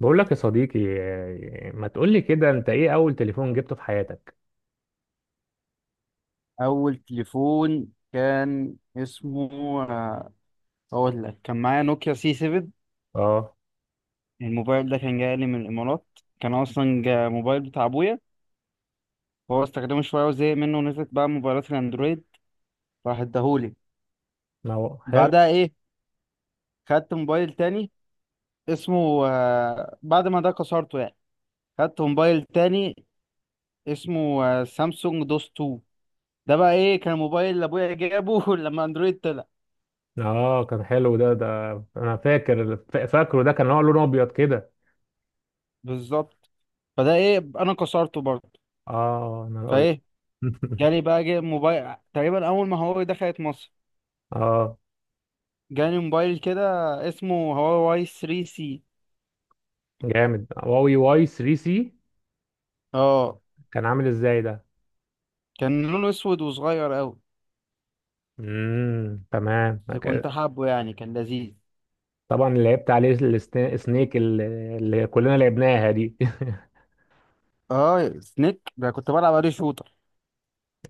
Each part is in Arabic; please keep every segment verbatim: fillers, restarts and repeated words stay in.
بقول لك يا صديقي آه، ما تقول لي كده، انت ايه اول تليفون جبته في حياتك؟ اول تليفون كان اسمه، آه، اقول لك كان معايا نوكيا سي سبعة. اه، الموبايل ده كان جاي لي من الامارات، كان اصلا جا موبايل بتاع ابويا. هو استخدمه شويه وزهق منه ونزلت بقى موبايلات الاندرويد، راح اداهولي. ما هو حلو. بعدها ايه؟ خدت موبايل تاني اسمه آه، بعد ما ده كسرته يعني. خدت موبايل تاني اسمه آه، سامسونج دوس اتنين. ده بقى ايه، كان موبايل اللي ابويا جابه لما اندرويد طلع. اه، كان حلو ده ده. انا فاكر فا- فاكره ده، كان هو لونه ابيض كده. بالظبط. فده ايه، انا كسرته برضه. اه، انا ابيض. فايه، جالي بقى جي موبايل تقريبا اول ما هواوي دخلت مصر. اه جالي موبايل كده اسمه هواوي ثري سي. جامد، هواوي واي 3 سي. اه كان عامل ازاي ده؟ كان لونه اسود وصغير قوي، امم تمام، بس أوكي. كنت حابه يعني كان لذيذ. طبعا لعبت عليه السنا- السنيك اللي اللي كلنا لعبناها دي. اه سنيك، ده كنت بلعب عليه شوتر.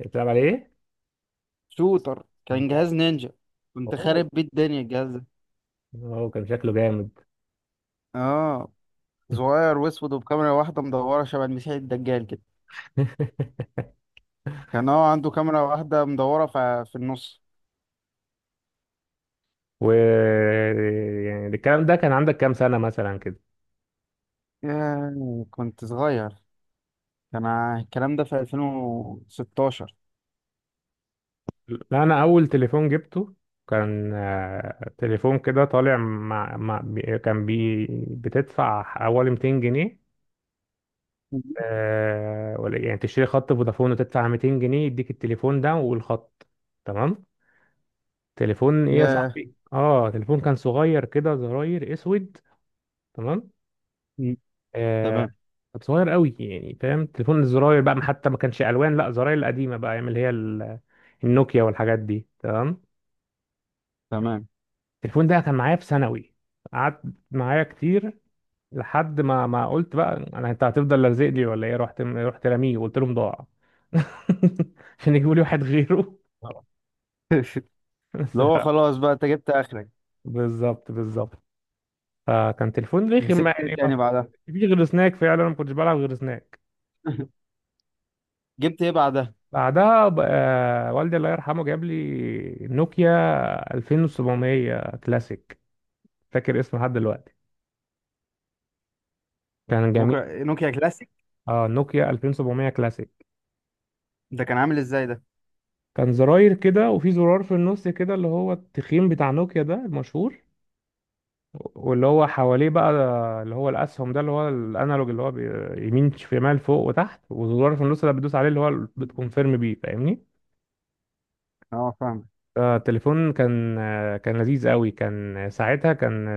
بتلعب عليه شوتر كان ازاي؟ جهاز نينجا. كنت اوه، خارب بيه الدنيا الجهاز ده. أوه، كان شكله جامد. اه صغير واسود وبكاميرا واحده مدوره شبه المسيح الدجال كده. كان هو عنده كاميرا واحده مدوره ف- في النص. و يعني الكلام ده كان عندك كام سنة مثلا كده؟ ياه كنت صغير، كان ع- الكلام ده في ألفين وستة عشر. لا، أنا أول تليفون جبته كان، آه، تليفون كده طالع مع... مع... بي- كان بي... بتدفع حوالي مئتين جنيه. آه، ولا يعني تشتري خط فودافون وتدفع مئتين جنيه، يديك التليفون ده والخط. تمام. تليفون ايه يا مم. ياه. صاحبي؟ اه، تليفون كان صغير كده، زراير اسود. تمام. مم. آه، تمام. كنت صغير قوي يعني، فاهم؟ تليفون الزراير بقى، ما حتى ما كانش الوان، لا زراير القديمه بقى، ايام اللي هي ال- النوكيا والحاجات دي. تمام. تمام. التليفون ده كان معايا في ثانوي، قعدت معايا كتير، لحد ما ما قلت بقى انا، انت هتفضل لازق لي ولا ايه؟ رحت رحت راميه وقلت لهم ضاع. عشان يجيبوا لي واحد غيره. اللي هو بس- خلاص بقى انت جبت اخرك. بالظبط بالظبط. فكان تليفون رخم مسكت ايه يعني، ما تاني بعدها؟ فيش غير سناك، فعلا ما كنتش بلعب غير سناك. جبت ايه بعدها؟ بعدها ب- آه، والدي الله يرحمه جاب لي نوكيا سبعة وعشرين مية كلاسيك. فاكر اسمه لحد دلوقتي، كان جميل. نوكيا نوكيا كلاسيك. اه، نوكيا الفين وسبعمية كلاسيك. ده كان عامل ازاي ده؟ كان زراير كده، وفي زرار في النص كده اللي هو التخين بتاع نوكيا ده المشهور، واللي هو حواليه بقى اللي هو الاسهم ده، اللي هو الانالوج، اللي هو بي- يمين شمال فوق وتحت، وزرار في النص ده بتدوس عليه اللي هو بتكونفيرم بيه، فاهمني؟ اه فاهمك. آه، التليفون كان، آه، كان لذيذ قوي. كان ساعتها كان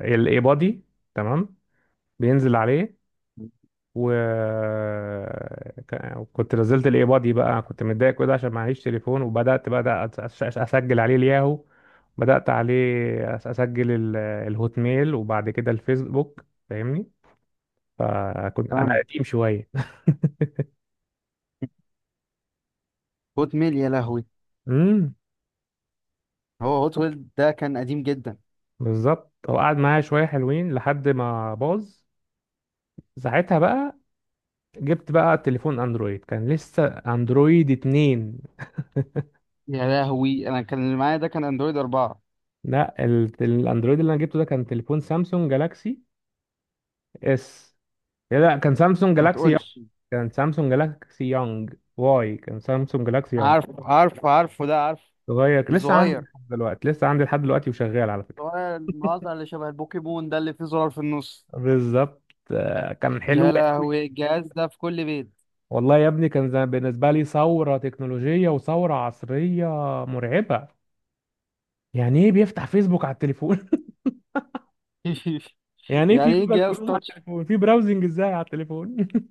الاي بادي، تمام، بينزل عليه. و ك- وكنت نزلت الاي بادي بقى، كنت متضايق كده عشان معيش تليفون، وبدات بقى أس- أس- أس- اسجل عليه الياهو، بدات عليه أس- اسجل ال- الهوت ميل، وبعد كده الفيسبوك، فاهمني؟ فكنت انا فاهمك. قديم شويه. هوت ميل يا لهوي. امم. هو هوت ميل ده كان قديم جدا. بالظبط، هو قعد معايا شويه حلوين لحد ما باظ. ساعتها بقى جبت بقى تليفون اندرويد، كان لسه اندرويد اتنين. يا لهوي، انا كان اللي معايا ده كان اندرويد أربعة. لا، ال- الاندرويد اللي انا جبته ده كان تليفون سامسونج جالاكسي اس. لا، كان سامسونج ما جالاكسي يونج. تقولش. كان سامسونج جالاكسي يونج واي كان سامسونج جالاكسي يونج عارف عارف عارفه ده عارف. صغير، لسه عندي الصغير لحد دلوقتي، لسه عندي لحد دلوقتي وشغال على فكرة. الصغير المقاطع اللي شبه البوكيمون ده اللي فيه زرار في النص. بالظبط، آه، كان حلو يا قوي. لهوي الجهاز ده في كل بيت. والله يا ابني كان زي- بالنسبة لي ثورة تكنولوجية وثورة عصرية مرعبة. يعني ايه بيفتح فيسبوك على التليفون؟ يعني ايه في يعني ايه جوجل جهاز كروم على تاتش؟ التليفون؟ في براوزنج ازاي على التليفون؟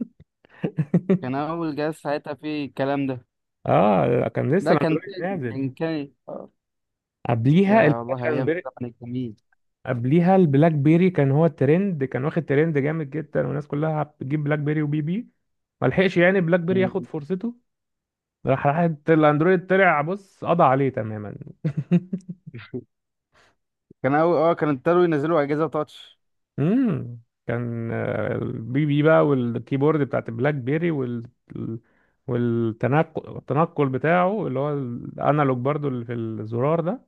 كان أول جهاز ساعتها فيه الكلام ده. اه لا، كان لسه ده كان الاندرويد تاني، كان نازل. كان قبليها يا اللي والله أيام كان، الزمن الجميل. قبليها البلاك بيري كان هو الترند، كان واخد ترند جامد جدا، والناس كلها بتجيب بلاك بيري وبي بي. ما لحقش يعني بلاك بيري مم. ياخد فرصته، راح راح الاندرويد طلع بص، قضى عليه تماما. كان أول أه كان ابتدوا ينزلوا أجهزة تاتش. امم. كان، آه، البي بي بقى والكيبورد بتاعت البلاك بيري، وال والتنقل التنقل بتاعه اللي هو الانالوج برضو اللي في الزرار ده،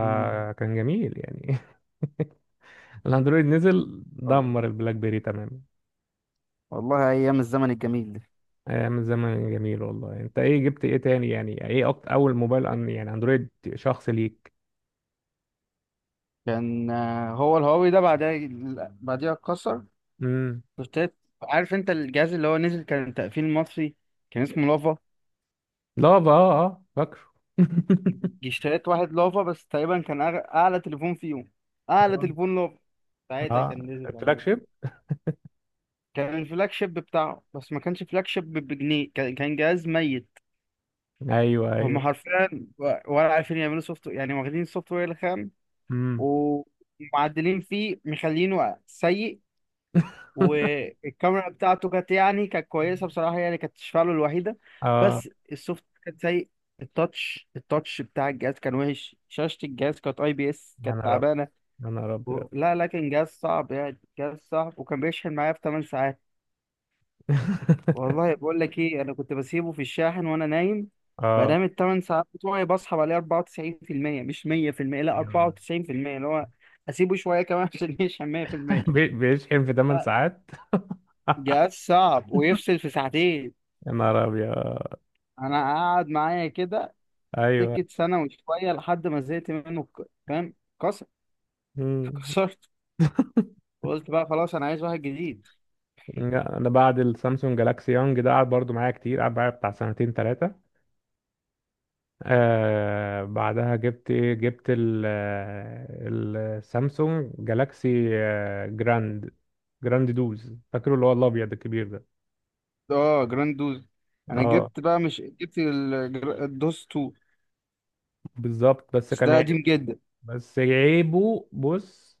مم. جميل يعني. الاندرويد نزل دمر البلاك بيري تماما. والله أيام الزمن الجميل ده. ايام الزمن جميل والله. انت ايه جبت ايه تاني؟ يعني ايه أكتر اول موبايل أن يعني اندرويد شخص ليك؟ كان آه، هو الهواوي ده بعدها. بعديها اتكسر. امم. اشتريت. عارف أنت الجهاز اللي هو نزل كان تقفيل مصري، كان اسمه لافا. لافا، اه اه فاكره. اشتريت واحد لافا. بس تقريبا كان أغ- أعلى تليفون فيهم. أعلى اه، تليفون لافا ساعتها آه، كان نزل الفلاج يعني. شيب. كان الفلاج شيب بتاعه. بس ما كانش فلاج شيب بجنيه، كان كان جهاز ميت. ايوه هم ايوه. حرفيا و- ولا عارفين يعملوا سوفت، يعني واخدين السوفت وير الخام امم. ومعدلين فيه مخلينه سيء. والكاميرا بتاعته كانت يعني كانت كويسه بصراحه، يعني كانت تشفعله الوحيده. اه. بس السوفت كان سيء. التاتش التاتش بتاع الجهاز كان وحش، شاشه الجهاز كانت اي بي اس يا كانت نهار ابيض، تعبانه. يا نهار ابيض. و- لا لا، كان جهاز صعب يعني، جهاز صعب. وكان بيشحن معايا في 8 ساعات. والله بقول لك ايه، انا كنت بسيبه في الشاحن وانا نايم. اه، بنام الثمان ساعات بتوعي، بصحى بلاقيه اربعه وتسعين في المية مش ميه في المية، لا اربعه وتسعين في المية، اللي هو اسيبه شويه كمان عشان يشحن ميه في المية. بي- بيشحن في 8 لا ساعات. جهاز صعب ويفصل في ساعتين. يا نهار ابيض. انا قاعد معايا كده ايوه. سكه سنه وشويه، لحد ما زهقت منه ك- فاهم. كسر. امم. كسرت. وقلت بقى خلاص انا عايز واحد جديد. لا، انا بعد السامسونج جالاكسي يونج ده قعد برضو معايا كتير، قعد معايا بتاع سنتين ثلاثه. آه، بعدها جبت ايه؟ جبت ال آه، السامسونج جالاكسي آه جراند. جراند دوز، فاكره اللي هو الابيض الكبير ده. اه جراند دوز. انا اه جبت بقى، مش جبت ال- الدوز اتنين. بالظبط، بس بس كان ده عيب. قديم جدا. بس عيبه بص،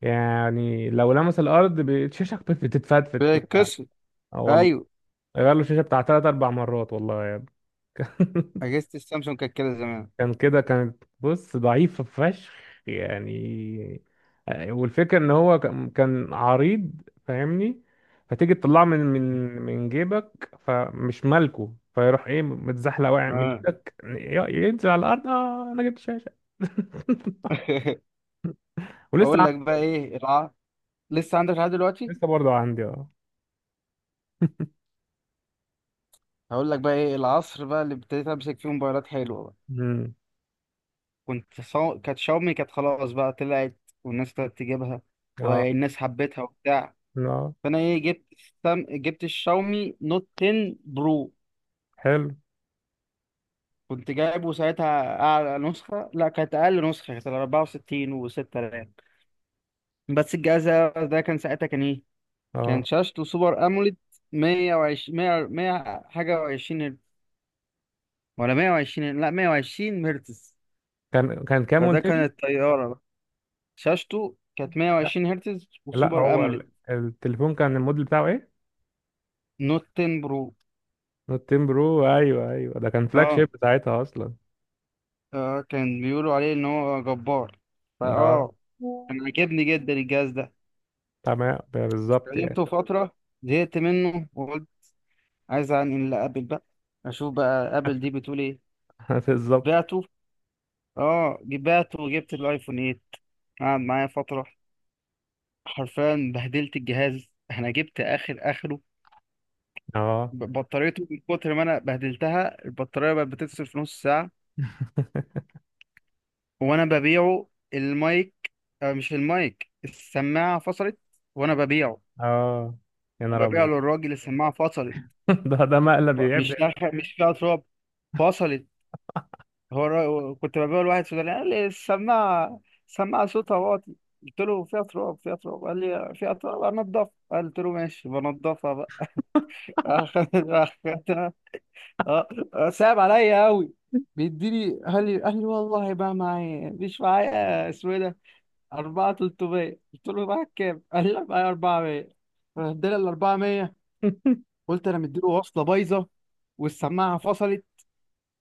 يعني لو لمس الارض ب- الشاشه بتتفتفت كلها. بيتكسر. اه والله. ايوه. غير له الشاشه بتاع تلات اربع مرات والله يا ابني. اجهزه السامسونج كانت كده زمان. كان كده، كانت بص ضعيفة فشخ يعني. آه، والفكرة ان هو كان، كان عريض فاهمني. فتيجي تطلعه من من من جيبك، فمش مالكه، فيروح ايه متزحلق واقع من آه. ايدك، ي- ينزل على الارض. اه انا جبت شاشة. ولسه اقول عندي. لك بقى ايه الع... لسه عندك لحد دلوقتي. لسه برضه عندي اه. هقول لك بقى ايه العصر بقى اللي ابتديت امسك فيه موبايلات حلوه بقى. امم. كنت صو... كانت شاومي كانت خلاص بقى طلعت، والناس ابتدت تجيبها اه. والناس حبتها وبتاع. اه فانا ايه، جبت السام... جبت الشاومي نوت عشرة برو. حلو. كنت جايبه ساعتها اعلى نسخه، لا كانت اقل نسخه، كانت اربعه وستين و6000. بس الجهاز ده كان ساعتها كان ايه، كان اه، شاشته سوبر اموليد مئة وعشرين مئة ميه حاجه وعشرين هرتز، ولا ميه وعشرين، لا ميه وعشرين هرتز. كان كان كام فده قلت لي؟ كانت طياره بقى. شاشته كانت لا ميه وعشرين هرتز لا، وسوبر هو اموليد. ال- التليفون كان الموديل بتاعه ايه؟ نوت عشرة برو. نوت عشرة برو. ايوه ايوه، ده كان فلاج اه شيب ساعتها اصلا. آه، كان بيقولوا عليه ان هو جبار. اه. فاه كان عاجبني جدا الجهاز ده. تمام، بالظبط يعني. استخدمته فتره، زهقت منه وقلت عايز انقل لابل بقى. اشوف بقى ابل دي بتقول ايه. بالظبط. بعته. اه بعته وجبت الايفون تمانية. قعد معايا فتره. حرفيا بهدلت الجهاز، انا جبت اخر اخره. اه. ب- بطاريته من كتر ما انا بهدلتها، البطاريه بقت بتفصل في نص ساعه وانا ببيعه. المايك، آه مش المايك، السماعه فصلت وانا ببيعه. اه، يا نهار ببيعه ابيض. للراجل، السماعه فصلت. ده ده مقلب ف- يعب مش يعمل نافع- مش فيها تراب، فصلت. هو الر- كنت ببيعه لواحد سوداني قال لي السماعه، السماعه صوتها واطي. قلت له فيها تراب، فيها تراب. قال لي فيها تراب، انضفها. قلت له ماشي بنضفها بقى. أخدت. اه آه، صعب عليا قوي. بيديني، قال لي قال لي والله بقى معايا، مش معايا اسمه ايه ده، اربعه تلتميه. قلت له معاك كام؟ قال لي معايا أربعمائة. فاداني ال أربعمائة. إيه؟ قلت انا مديله وصله بايظه والسماعه فصلت.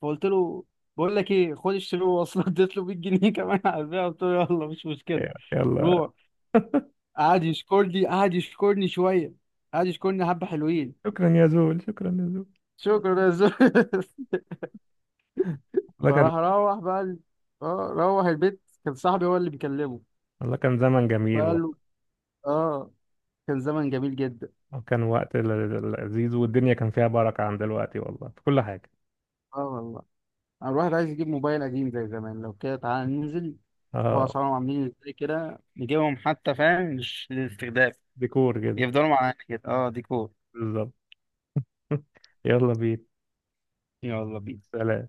فقلت له بقول لك ايه، خد اشتري له وصله. اديت له ميه جنيه كمان على البيع. قلت له يلا مش مشكله، يلا. روح. قعد يشكرني، قعد يشكرني شويه، قعد يشكرني حبه حلوين. شكرا يا زول، شكرا يا زول. شكرا يا زلمه. والله كان. فراح روح بقى ال- اه روح البيت. كان صاحبي هو اللي بيكلمه. والله كان زمن جميل فقال له والله. اه. كان زمن جميل جدا. وكان وقت ل- لذيذ، والدنيا كان فيها بركة عن دلوقتي والله، في كل حاجة. اه والله. انا الواحد عايز يجيب موبايل قديم زي زمان. لو كده تعالى ننزل نشوف اه، اسعارهم عاملين ازاي كده، نجيبهم حتى فاهم مش للاستخدام. ديكور كده. يفضلوا معانا كده. اه ديكور. بالظبط. يلا بينا. يلا بينا. سلام.